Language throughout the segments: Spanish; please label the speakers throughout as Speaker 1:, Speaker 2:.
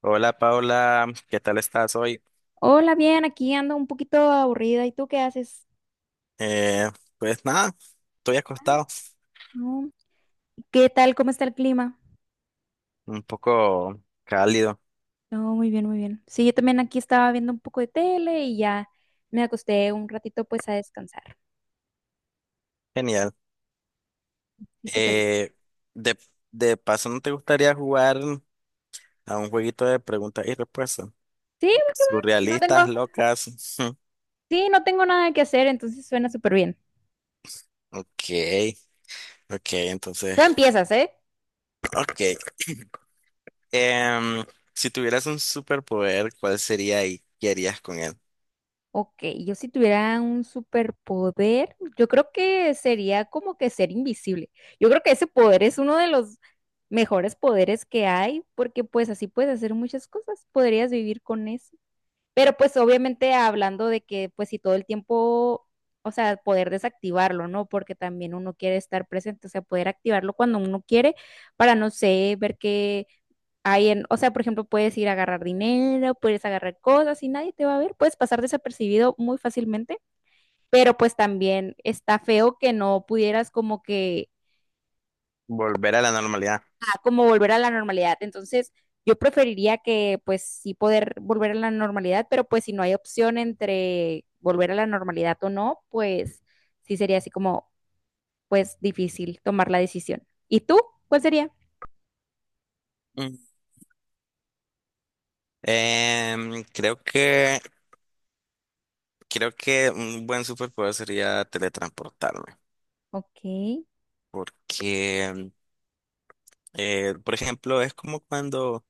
Speaker 1: Hola Paula, ¿qué tal estás hoy?
Speaker 2: Hola, bien, aquí ando un poquito aburrida. ¿Y tú qué haces?
Speaker 1: Eh, pues nada, estoy acostado,
Speaker 2: No. ¿Qué tal? ¿Cómo está el clima?
Speaker 1: un poco cálido,
Speaker 2: No, muy bien, muy bien. Sí, yo también aquí estaba viendo un poco de tele y ya me acosté un ratito pues a descansar.
Speaker 1: genial.
Speaker 2: Sí, súper bien.
Speaker 1: Eh, de, de paso, ¿no te gustaría jugar a un jueguito de preguntas y respuestas?
Speaker 2: Sí, va que va.
Speaker 1: Surrealistas, locas.
Speaker 2: Sí, no tengo nada que hacer, entonces suena súper bien.
Speaker 1: Ok, ok, entonces,
Speaker 2: Tú empiezas, ¿eh?
Speaker 1: ok. Em, si tuvieras un superpoder, ¿cuál sería y qué harías con él?
Speaker 2: Ok, yo si tuviera un superpoder, yo creo que sería como que ser invisible. Yo creo que ese poder es uno de los mejores poderes que hay, porque pues así puedes hacer muchas cosas, podrías vivir con eso. Pero pues obviamente hablando de que pues si todo el tiempo, o sea, poder desactivarlo, ¿no? Porque también uno quiere estar presente, o sea, poder activarlo cuando uno quiere para, no sé, ver que ahí en, o sea, por ejemplo, puedes ir a agarrar dinero, puedes agarrar cosas y nadie te va a ver, puedes pasar desapercibido muy fácilmente, pero pues también está feo que no pudieras como que,
Speaker 1: Volver a la normalidad.
Speaker 2: ah, como volver a la normalidad. Entonces, yo preferiría que pues sí poder volver a la normalidad, pero pues si no hay opción entre volver a la normalidad o no, pues sí sería así como, pues difícil tomar la decisión. ¿Y tú? ¿Cuál sería?
Speaker 1: Mm. Em, creo que Creo que un buen superpoder sería teletransportarme,
Speaker 2: Ok.
Speaker 1: porque, por ejemplo, es como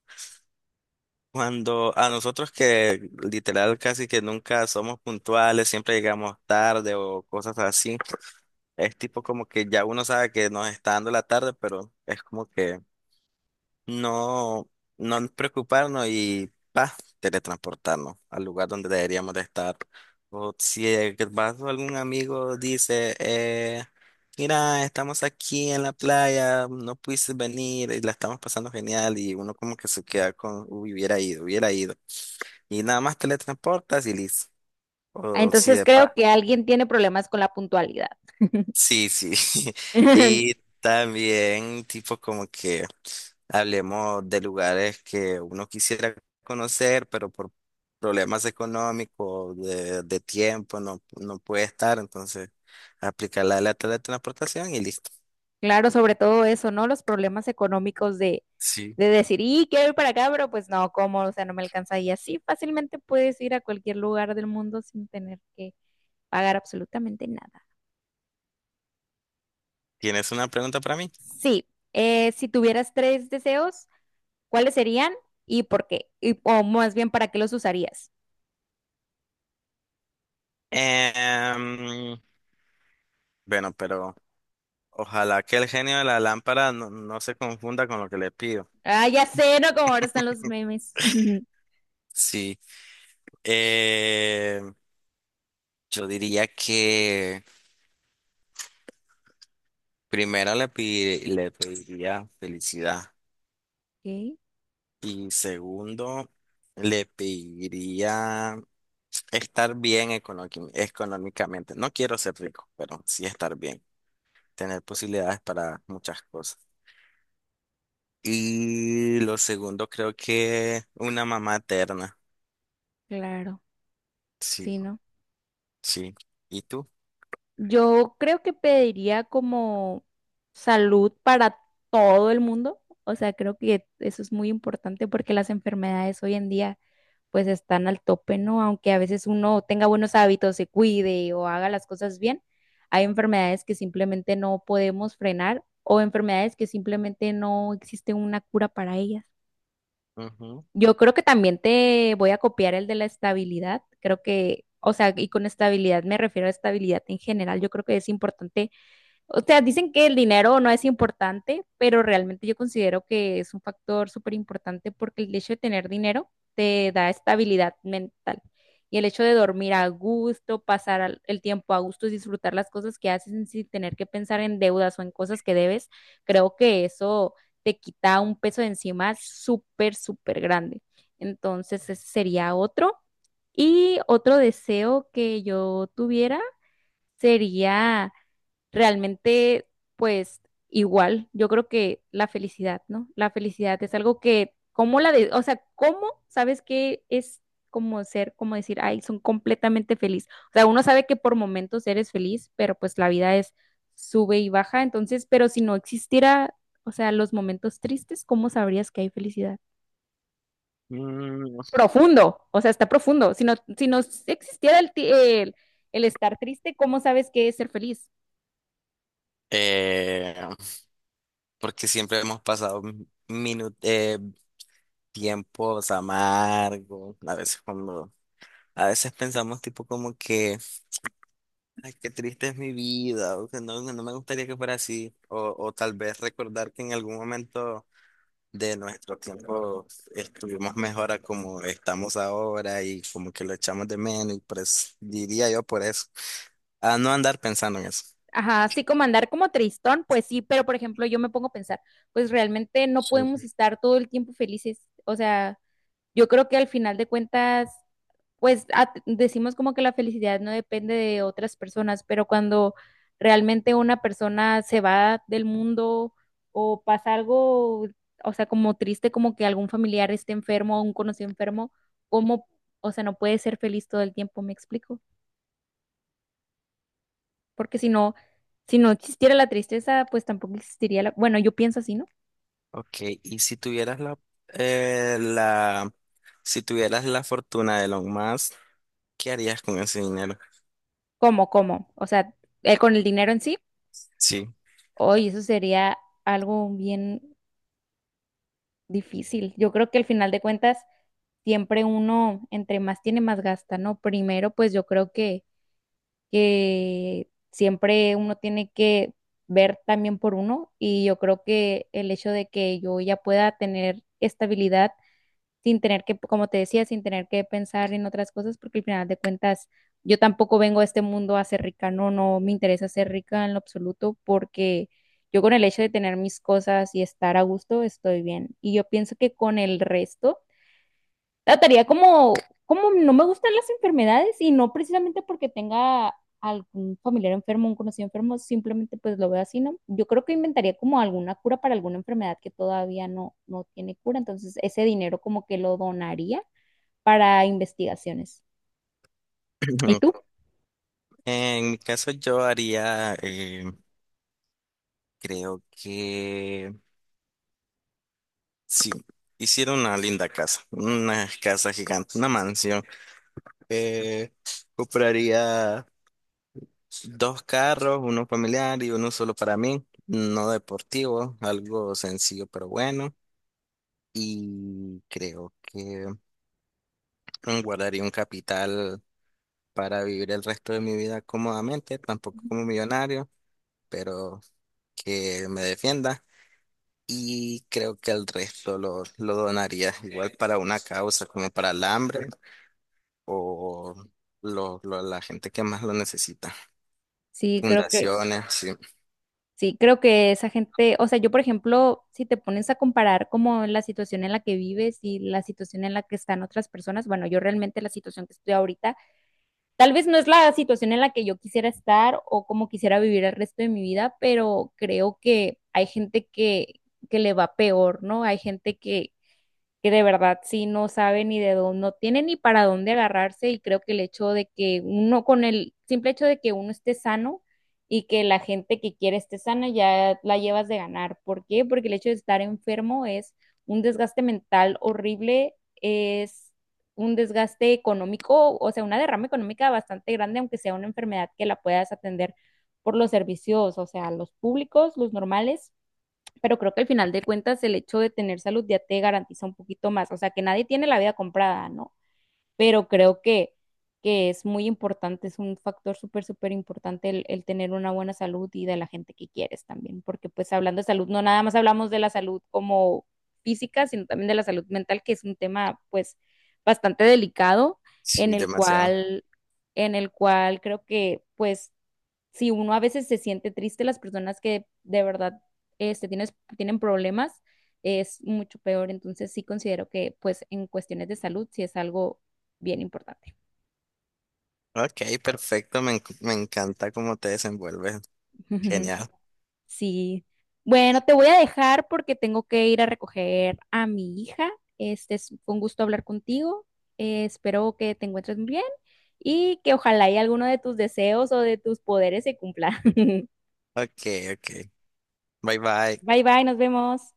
Speaker 1: cuando a nosotros que literal casi que nunca somos puntuales, siempre llegamos tarde o cosas así, es tipo como que ya uno sabe que nos está dando la tarde, pero es como que no, no preocuparnos y pa, teletransportarnos al lugar donde deberíamos de estar. O si que vas o algún amigo dice, mira, estamos aquí en la playa, no pudiste venir y la estamos pasando genial y uno como que se queda con, "Uy, hubiera ido, hubiera ido". Y nada más teletransportas y listo.
Speaker 2: Ah,
Speaker 1: O si
Speaker 2: entonces
Speaker 1: de
Speaker 2: creo que alguien tiene problemas con la puntualidad.
Speaker 1: sí, sí. Y también tipo como que hablemos de lugares que uno quisiera conocer, pero por problemas económicos, de tiempo, no, no puede estar. Entonces, aplicar la de la teletransportación y listo.
Speaker 2: Claro, sobre todo eso, ¿no? Los problemas económicos
Speaker 1: Sí.
Speaker 2: de decir, y quiero ir para acá, pero pues no, ¿cómo? O sea, no me alcanza. Y así fácilmente puedes ir a cualquier lugar del mundo sin tener que pagar absolutamente nada.
Speaker 1: ¿Tienes una pregunta para mí?
Speaker 2: Sí, si tuvieras tres deseos, ¿cuáles serían y por qué? Y, o más bien, ¿para qué los usarías?
Speaker 1: Em, bueno, pero ojalá que el genio de la lámpara no, no se confunda con lo que le pido.
Speaker 2: Ah, ya sé, ¿no? Como ahora están los memes.
Speaker 1: Sí. Em, yo diría que... Le pediría felicidad
Speaker 2: Ok,
Speaker 1: y segundo le pediría estar bien económicamente. No quiero ser rico, pero sí estar bien, tener posibilidades para muchas cosas. Y lo segundo creo que una mamá eterna.
Speaker 2: claro,
Speaker 1: Sí,
Speaker 2: sí, ¿no?
Speaker 1: sí. ¿Y tú?
Speaker 2: Yo creo que pediría como salud para todo el mundo. O sea, creo que eso es muy importante porque las enfermedades hoy en día pues están al tope, ¿no? Aunque a veces uno tenga buenos hábitos, se cuide o haga las cosas bien, hay enfermedades que simplemente no podemos frenar o enfermedades que simplemente no existe una cura para ellas.
Speaker 1: Ujú.
Speaker 2: Yo creo que también te voy a copiar el de la estabilidad. Creo que, o sea, y con estabilidad me refiero a estabilidad en general. Yo creo que es importante, o sea, dicen que el dinero no es importante, pero realmente yo considero que es un factor súper importante porque el hecho de tener dinero te da estabilidad mental. Y el hecho de dormir a gusto, pasar el tiempo a gusto, y disfrutar las cosas que haces sin tener que pensar en deudas o en cosas que debes, creo que eso te quita un peso de encima súper, súper grande. Entonces, ese sería otro. Y otro deseo que yo tuviera sería realmente, pues igual, yo creo que la felicidad, ¿no? La felicidad es algo que, ¿cómo la de, o sea, cómo sabes que es como ser, como decir, ay, son completamente feliz? O sea, uno sabe que por momentos eres feliz, pero pues la vida es sube y baja, entonces, pero si no existiera, o sea, los momentos tristes, ¿cómo sabrías que hay felicidad?
Speaker 1: Mm,
Speaker 2: Profundo, o sea, está profundo. Si no, si no existiera el, el estar triste, ¿cómo sabes que es ser feliz?
Speaker 1: eh, porque siempre hemos pasado minu- eh, tiempos amargos, a veces cuando a veces pensamos tipo como que, ay, qué triste es mi vida, o que no, no me gustaría que fuera así, o tal vez recordar que en algún momento de nuestro tiempo estuvimos mejor a como estamos ahora y como que lo echamos de menos, y pues diría yo por eso, a no andar pensando en eso.
Speaker 2: Ajá, sí, como andar como tristón, pues sí, pero por ejemplo, yo me pongo a pensar, pues realmente no
Speaker 1: Sí.
Speaker 2: podemos estar todo el tiempo felices. O sea, yo creo que al final de cuentas, pues decimos como que la felicidad no depende de otras personas, pero cuando realmente una persona se va del mundo o pasa algo, o sea, como triste, como que algún familiar esté enfermo o un conocido enfermo, ¿cómo? O sea, no puede ser feliz todo el tiempo, ¿me explico? Porque si no, si no existiera la tristeza, pues tampoco existiría la... Bueno, yo pienso así, ¿no?
Speaker 1: Ok, y si tuvieras la, si tuvieras la fortuna de Elon Musk, ¿qué harías con ese dinero?
Speaker 2: ¿Cómo, cómo? O sea, con el dinero en sí,
Speaker 1: Sí.
Speaker 2: hoy eso sería algo bien difícil. Yo creo que al final de cuentas, siempre uno, entre más tiene, más gasta, ¿no? Primero, pues yo creo que siempre uno tiene que ver también por uno y yo creo que el hecho de que yo ya pueda tener estabilidad sin tener que, como te decía, sin tener que pensar en otras cosas, porque al final de cuentas yo tampoco vengo a este mundo a ser rica, no, no me interesa ser rica en lo absoluto, porque yo con el hecho de tener mis cosas y estar a gusto estoy bien. Y yo pienso que con el resto trataría como, como no me gustan las enfermedades y no precisamente porque tenga algún familiar enfermo, un conocido enfermo, simplemente pues lo veo así, ¿no? Yo creo que inventaría como alguna cura para alguna enfermedad que todavía no, no tiene cura, entonces ese dinero como que lo donaría para investigaciones. ¿Y tú?
Speaker 1: En mi caso yo haría creo que sí, hicieron una linda casa, una casa gigante, una mansión. Eh, Compraría dos carros, uno familiar y uno solo para mí, no deportivo, algo sencillo pero bueno. Y creo que guardaría un capital para vivir el resto de mi vida cómodamente, tampoco como millonario, pero que me defienda. Y creo que el resto lo donaría igual para una causa como para el hambre o la gente que más lo necesita.
Speaker 2: Sí, creo que,
Speaker 1: Fundaciones, sí,
Speaker 2: sí, creo que esa gente, o sea, yo por ejemplo, si te pones a comparar como la situación en la que vives y la situación en la que están otras personas, bueno, yo realmente la situación que estoy ahorita tal vez no es la situación en la que yo quisiera estar o como quisiera vivir el resto de mi vida, pero creo que hay gente que le va peor, ¿no? Hay gente que de verdad sí no sabe ni de dónde, no tiene ni para dónde agarrarse y creo que el hecho de que uno, con el simple hecho de que uno esté sano y que la gente que quiere esté sana ya la llevas de ganar. ¿Por qué? Porque el hecho de estar enfermo es un desgaste mental horrible, es un desgaste económico, o sea, una derrama económica bastante grande, aunque sea una enfermedad que la puedas atender por los servicios, o sea, los públicos, los normales, pero creo que al final de cuentas el hecho de tener salud ya te garantiza un poquito más. O sea, que nadie tiene la vida comprada, ¿no? Pero creo que es muy importante, es un factor súper, súper importante el tener una buena salud y de la gente que quieres también. Porque pues hablando de salud, no nada más hablamos de la salud como física, sino también de la salud mental, que es un tema pues bastante delicado en
Speaker 1: sí,
Speaker 2: el
Speaker 1: demasiado.
Speaker 2: cual, en el cual creo que pues si uno a veces se siente triste, las personas que de verdad este, tienes, tienen problemas es mucho peor. Entonces sí considero que pues en cuestiones de salud sí es algo bien importante.
Speaker 1: Ok, perfecto, me encanta cómo te desenvuelves. Genial.
Speaker 2: Sí. Bueno, te voy a dejar porque tengo que ir a recoger a mi hija. Este es fue un gusto hablar contigo. Espero que te encuentres muy bien y que ojalá y alguno de tus deseos o de tus poderes se cumpla.
Speaker 1: Ok, ok. Bye bye.
Speaker 2: Bye bye, nos vemos.